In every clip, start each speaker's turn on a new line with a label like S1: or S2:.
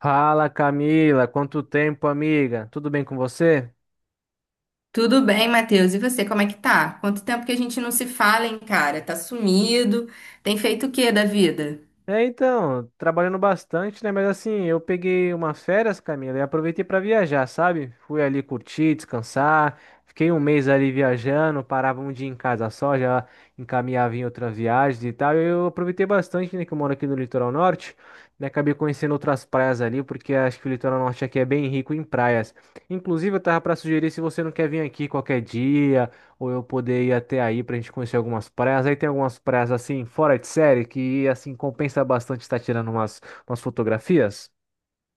S1: Fala Camila, quanto tempo, amiga? Tudo bem com você?
S2: Tudo bem, Matheus? E você, como é que tá? Quanto tempo que a gente não se fala, hein, cara? Tá sumido. Tem feito o quê da vida?
S1: Trabalhando bastante, né? Mas assim, eu peguei umas férias, Camila, e aproveitei para viajar, sabe? Fui ali curtir, descansar. Fiquei um mês ali viajando, parava um dia em casa só, já encaminhava em outras viagens e tal. Eu aproveitei bastante, né? Que eu moro aqui no litoral norte, né? Acabei conhecendo outras praias ali, porque acho que o litoral norte aqui é bem rico em praias. Inclusive, eu tava para sugerir se você não quer vir aqui qualquer dia, ou eu poder ir até aí pra gente conhecer algumas praias. Aí tem algumas praias assim, fora de série, que assim compensa bastante estar tirando umas, fotografias.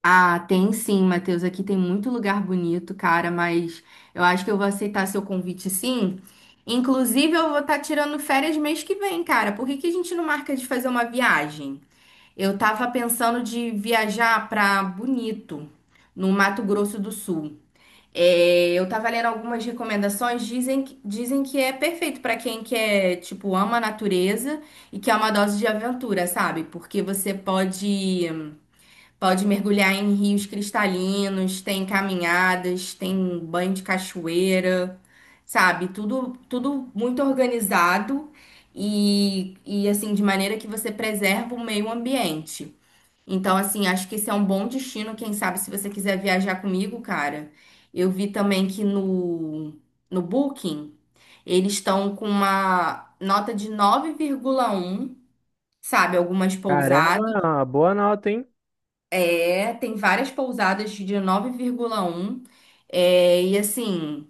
S2: Ah, tem sim, Matheus. Aqui tem muito lugar bonito, cara, mas eu acho que eu vou aceitar seu convite sim. Inclusive, eu vou estar tirando férias mês que vem, cara. Por que que a gente não marca de fazer uma viagem? Eu tava pensando de viajar pra Bonito, no Mato Grosso do Sul. É, eu tava lendo algumas recomendações, dizem que é perfeito pra quem quer, tipo, ama a natureza e que é uma dose de aventura, sabe? Porque você pode mergulhar em rios cristalinos, tem caminhadas, tem banho de cachoeira, sabe? Tudo muito organizado e assim de maneira que você preserva o meio ambiente. Então, assim, acho que esse é um bom destino, quem sabe, se você quiser viajar comigo, cara. Eu vi também que no Booking, eles estão com uma nota de 9,1, sabe? Algumas pousadas.
S1: Caramba, boa nota, hein?
S2: É, tem várias pousadas de 9,1. É, e assim.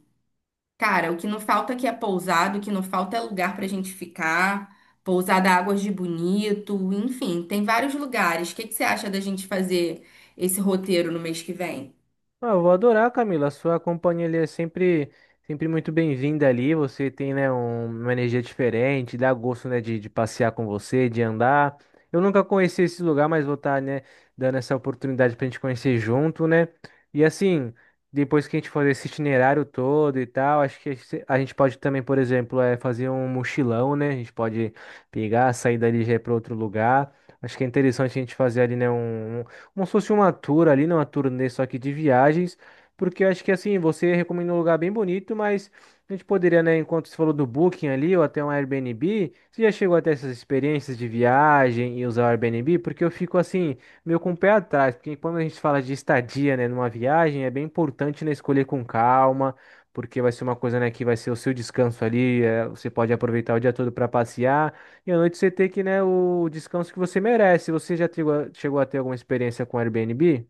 S2: Cara, o que não falta aqui é pousada, o que não falta é lugar pra gente ficar. Pousada Águas de Bonito, enfim, tem vários lugares. O que que você acha da gente fazer esse roteiro no mês que vem?
S1: Ah, eu vou adorar, Camila. A sua companhia ali é sempre, sempre muito bem-vinda ali. Você tem, né, uma energia diferente, dá gosto, né, de passear com você, de andar. Eu nunca conheci esse lugar, mas vou estar, né, dando essa oportunidade pra gente conhecer junto, né? E assim, depois que a gente fazer esse itinerário todo e tal, acho que a gente pode também, por exemplo, é fazer um mochilão, né? A gente pode pegar, sair dali já ir para outro lugar. Acho que é interessante a gente fazer ali, né, um como se fosse uma tour ali, né? Uma turnê só que de viagens, porque eu acho que assim, você recomenda um lugar bem bonito, mas a gente poderia, né, enquanto você falou do Booking ali, ou até um Airbnb, você já chegou até essas experiências de viagem e usar o Airbnb? Porque eu fico assim, meio com o pé atrás, porque quando a gente fala de estadia, né, numa viagem, é bem importante, né, escolher com calma porque vai ser uma coisa, né, que vai ser o seu descanso ali, você pode aproveitar o dia todo para passear, e à noite você ter que, né, o descanso que você merece. Você já chegou a ter alguma experiência com Airbnb?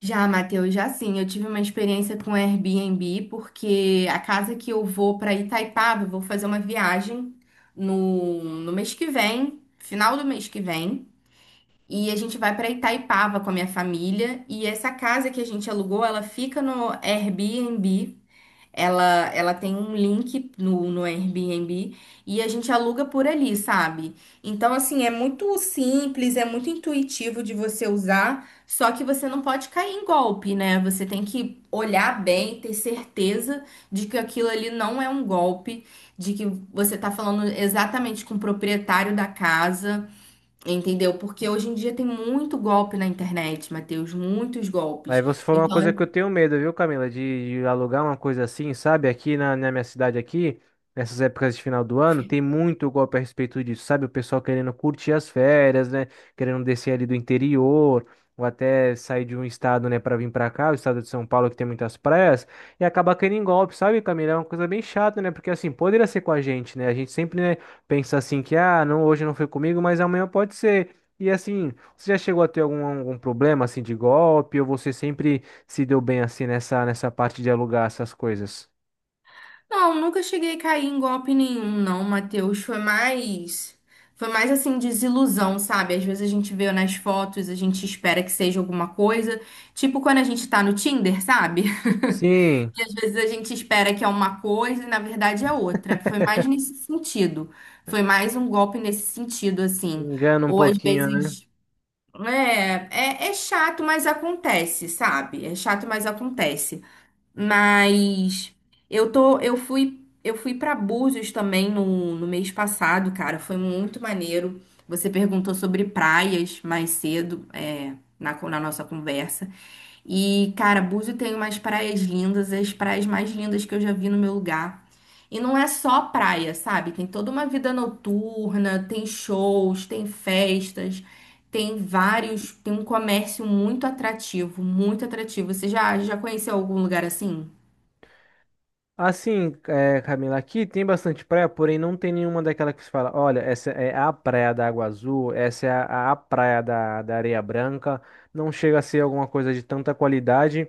S2: Já, Matheus, já sim. Eu tive uma experiência com Airbnb, porque a casa que eu vou para Itaipava, eu vou fazer uma viagem no mês que vem, final do mês que vem. E a gente vai para Itaipava com a minha família. E essa casa que a gente alugou, ela fica no Airbnb. Ela tem um link no Airbnb e a gente aluga por ali, sabe? Então, assim, é muito simples, é muito intuitivo de você usar, só que você não pode cair em golpe, né? Você tem que olhar bem, ter certeza de que aquilo ali não é um golpe, de que você tá falando exatamente com o proprietário da casa, entendeu? Porque hoje em dia tem muito golpe na internet, Matheus, muitos
S1: Aí
S2: golpes.
S1: você falou uma
S2: Então,
S1: coisa que eu tenho medo, viu, Camila? De alugar uma coisa assim, sabe? Aqui na minha cidade aqui, nessas épocas de final do ano, tem muito golpe a respeito disso, sabe? O pessoal querendo curtir as férias, né? Querendo descer ali do interior, ou até sair de um estado, né, para vir para cá, o estado de São Paulo, que tem muitas praias, e acabar caindo em golpe, sabe, Camila? É uma coisa bem chata, né? Porque assim, poderia ser com a gente, né? A gente sempre, né, pensa assim que, ah, não, hoje não foi comigo, mas amanhã pode ser. E assim. Você já chegou a ter algum, algum problema assim de golpe ou você sempre se deu bem assim nessa parte de alugar essas coisas?
S2: não, nunca cheguei a cair em golpe nenhum, não, Matheus. Foi mais assim, desilusão, sabe? Às vezes a gente vê nas fotos, a gente espera que seja alguma coisa. Tipo quando a gente tá no Tinder, sabe?
S1: Sim,
S2: E às vezes a gente espera que é uma coisa e na verdade é outra. Foi mais nesse sentido. Foi mais um golpe nesse sentido, assim.
S1: engana um
S2: Ou às
S1: pouquinho, né?
S2: vezes. É, é, chato, mas acontece, sabe? É chato, mas acontece. Mas eu tô, eu fui, eu fui para Búzios também no mês passado, cara. Foi muito maneiro. Você perguntou sobre praias mais cedo, na nossa conversa. E, cara, Búzios tem umas praias lindas, as praias mais lindas que eu já vi no meu lugar. E não é só praia, sabe? Tem toda uma vida noturna, tem shows, tem festas. Tem um comércio muito atrativo, muito atrativo. Você já conheceu algum lugar assim?
S1: Assim, é, Camila, aqui tem bastante praia, porém não tem nenhuma daquela que se fala, olha, essa é a praia da Água Azul, essa é a praia da Areia Branca, não chega a ser alguma coisa de tanta qualidade.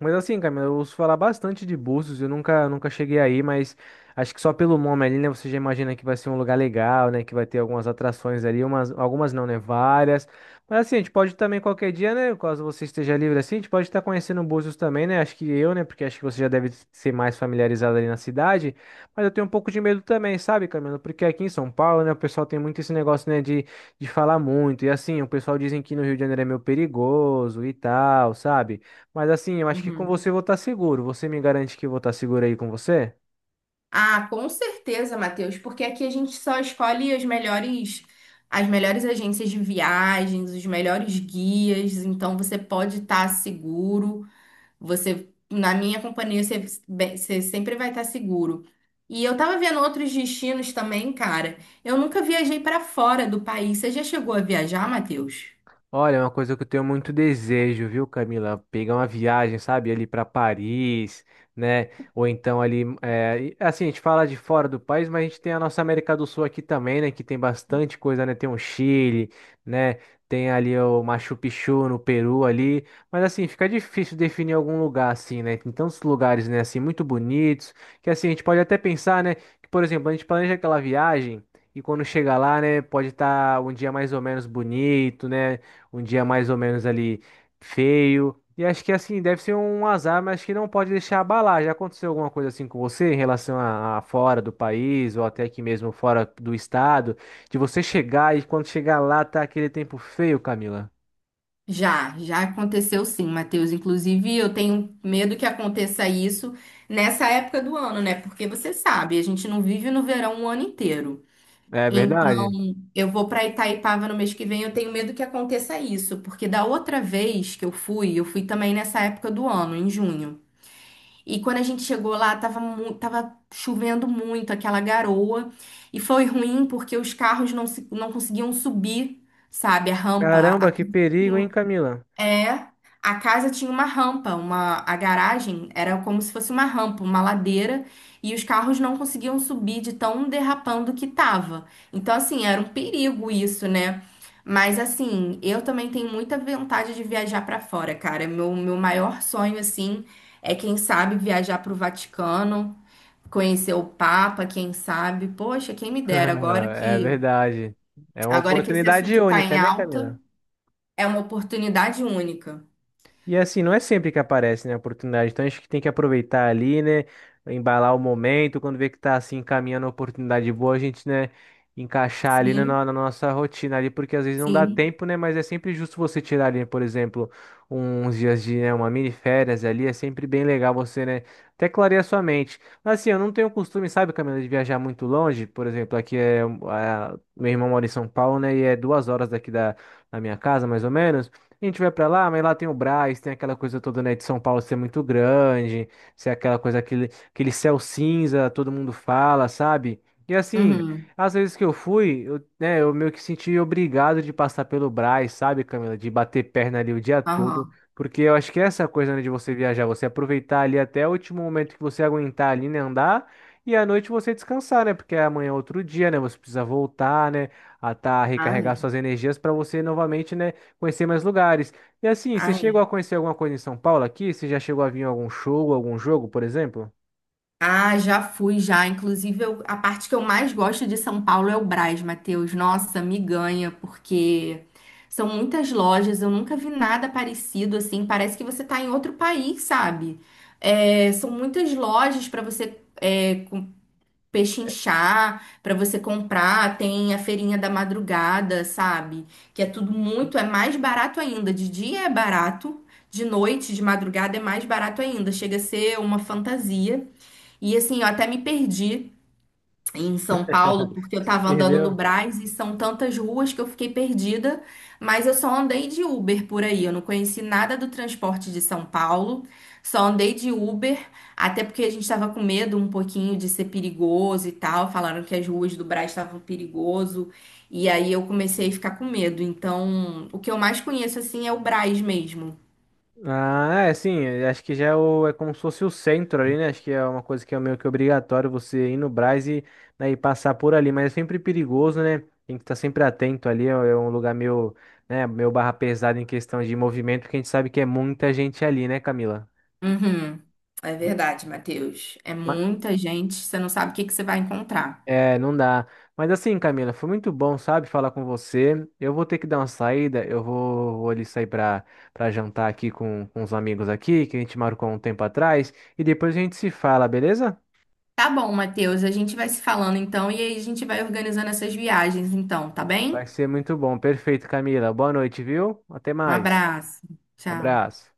S1: Mas assim, Camila, eu ouço falar bastante de Búzios, eu nunca, nunca cheguei aí, mas acho que só pelo nome ali, né, você já imagina que vai ser um lugar legal, né, que vai ter algumas atrações ali, umas, algumas não, né, várias. Mas assim, a gente pode também qualquer dia, né, caso você esteja livre assim, a gente pode estar conhecendo Búzios também, né, acho que eu, né, porque acho que você já deve ser mais familiarizado ali na cidade, mas eu tenho um pouco de medo também, sabe, Camila, porque aqui em São Paulo, né, o pessoal tem muito esse negócio, né, de falar muito, e assim, o pessoal dizem que no Rio de Janeiro é meio perigoso e tal, sabe? Mas assim, eu acho que com
S2: Uhum.
S1: você eu vou estar seguro. Você me garante que eu vou estar seguro aí com você?
S2: Ah, com certeza, Matheus, porque aqui a gente só escolhe as melhores agências de viagens, os melhores guias, então você pode estar seguro. Você, na minha companhia, você, bem, você sempre vai estar seguro. E eu tava vendo outros destinos também, cara. Eu nunca viajei para fora do país. Você já chegou a viajar, Matheus?
S1: Olha, é uma coisa que eu tenho muito desejo, viu, Camila? Pegar uma viagem, sabe, ali para Paris, né? Ou então ali, assim, a gente fala de fora do país, mas a gente tem a nossa América do Sul aqui também, né? Que tem bastante coisa, né? Tem o Chile, né? Tem ali o Machu Picchu no Peru ali, mas assim, fica difícil definir algum lugar assim, né? Tem tantos lugares, né, assim, muito bonitos, que assim, a gente pode até pensar, né, que, por exemplo, a gente planeja aquela viagem e quando chega lá, né, pode estar um dia mais ou menos bonito, né? um dia mais ou menos ali feio. E acho que assim, deve ser um azar, mas que não pode deixar abalar. Já aconteceu alguma coisa assim com você em relação a fora do país ou até aqui mesmo fora do estado, de você chegar e quando chegar lá tá aquele tempo feio, Camila?
S2: Já, já aconteceu sim, Matheus. Inclusive, eu tenho medo que aconteça isso nessa época do ano, né? Porque você sabe, a gente não vive no verão o ano inteiro.
S1: É
S2: Então,
S1: verdade?
S2: eu vou para Itaipava no mês que vem, eu tenho medo que aconteça isso, porque da outra vez que eu fui também nessa época do ano, em junho. E quando a gente chegou lá, tava chovendo muito, aquela garoa, e foi ruim porque os carros não, se- não conseguiam subir, sabe,
S1: Caramba, que perigo, hein, Camila?
S2: é, a casa tinha uma rampa, uma, a garagem era como se fosse uma rampa, uma ladeira, e os carros não conseguiam subir de tão derrapando que tava. Então, assim, era um perigo isso, né? Mas, assim, eu também tenho muita vontade de viajar pra fora, cara. Meu maior sonho, assim, é, quem sabe, viajar pro Vaticano, conhecer o Papa, quem sabe. Poxa, quem me dera,
S1: É verdade. É uma
S2: agora que esse
S1: oportunidade
S2: assunto tá
S1: única,
S2: em
S1: né,
S2: alta,
S1: Camila?
S2: é uma oportunidade única.
S1: E assim, não é sempre que aparece, né, a oportunidade. Então acho que tem que aproveitar ali, né, embalar o momento, quando vê que tá assim encaminhando a oportunidade boa, a gente, né, encaixar ali na,
S2: Sim.
S1: no- na nossa rotina ali, porque às vezes não dá
S2: Sim.
S1: tempo, né, mas é sempre justo você tirar ali, por exemplo, uns dias de, né, uma mini férias ali, é sempre bem legal você, né, até clarear sua mente. Mas assim, eu não tenho costume, sabe, Camila, de viajar muito longe, por exemplo, aqui é, a, meu irmão mora em São Paulo, né, e é 2 horas daqui da minha casa, mais ou menos. A gente vai pra lá, mas lá tem o Brás, tem aquela coisa toda, né, de São Paulo ser muito grande, ser aquela coisa, aquele céu cinza, todo mundo fala, sabe? E assim,
S2: Uhum.
S1: às vezes que eu fui, eu, né, eu meio que senti obrigado de passar pelo Brás, sabe, Camila? De bater perna ali o dia todo,
S2: Aham.
S1: porque eu acho que é essa coisa, né, de você viajar, você aproveitar ali até o último momento que você aguentar ali, né, andar, e à noite você descansar, né, porque amanhã é outro dia, né, você precisa voltar, né, a tá, recarregar
S2: Ai,
S1: suas energias para você novamente, né, conhecer mais lugares. E assim, você
S2: ai. Ah,
S1: chegou
S2: é.
S1: a conhecer alguma coisa em São Paulo aqui? Você já chegou a vir em algum show, algum jogo, por exemplo?
S2: Ah, já fui, já. A parte que eu mais gosto de São Paulo é o Brás, Matheus. Nossa, me ganha, porque são muitas lojas, eu nunca vi nada parecido assim. Parece que você tá em outro país, sabe? É, são muitas lojas para você pechinchar, para você comprar, tem a feirinha da madrugada, sabe? Que é tudo muito, é mais barato ainda. De dia é barato, de noite, de madrugada é mais barato ainda. Chega a ser uma fantasia. E assim, eu até me perdi em São Paulo, porque eu tava andando no
S1: Perdeu?
S2: Brás e são tantas ruas que eu fiquei perdida, mas eu só andei de Uber por aí, eu não conheci nada do transporte de São Paulo, só andei de Uber, até porque a gente tava com medo um pouquinho de ser perigoso e tal, falaram que as ruas do Brás estavam perigoso, e aí eu comecei a ficar com medo. Então, o que eu mais conheço assim é o Brás mesmo.
S1: Ah, é sim, eu acho que já é, é como se fosse o centro ali, né? Acho que é uma coisa que é meio que obrigatório você ir no Brás e, né, e passar por ali, mas é sempre perigoso, né? Tem que estar sempre atento ali, é um lugar meio, né, meio barra pesada em questão de movimento, porque a gente sabe que é muita gente ali, né, Camila?
S2: Uhum. É verdade, Matheus. É muita gente, você não sabe o que que você vai encontrar.
S1: É, não dá. Mas assim, Camila, foi muito bom, sabe, falar com você. Eu vou ter que dar uma saída, vou ali sair pra, pra jantar aqui com os amigos aqui, que a gente marcou um tempo atrás, e depois a gente se fala, beleza?
S2: Tá bom, Matheus. A gente vai se falando então e aí a gente vai organizando essas viagens então, tá
S1: Vai
S2: bem?
S1: ser muito bom. Perfeito, Camila. Boa noite, viu? Até
S2: Um
S1: mais.
S2: abraço. Tchau.
S1: Abraço.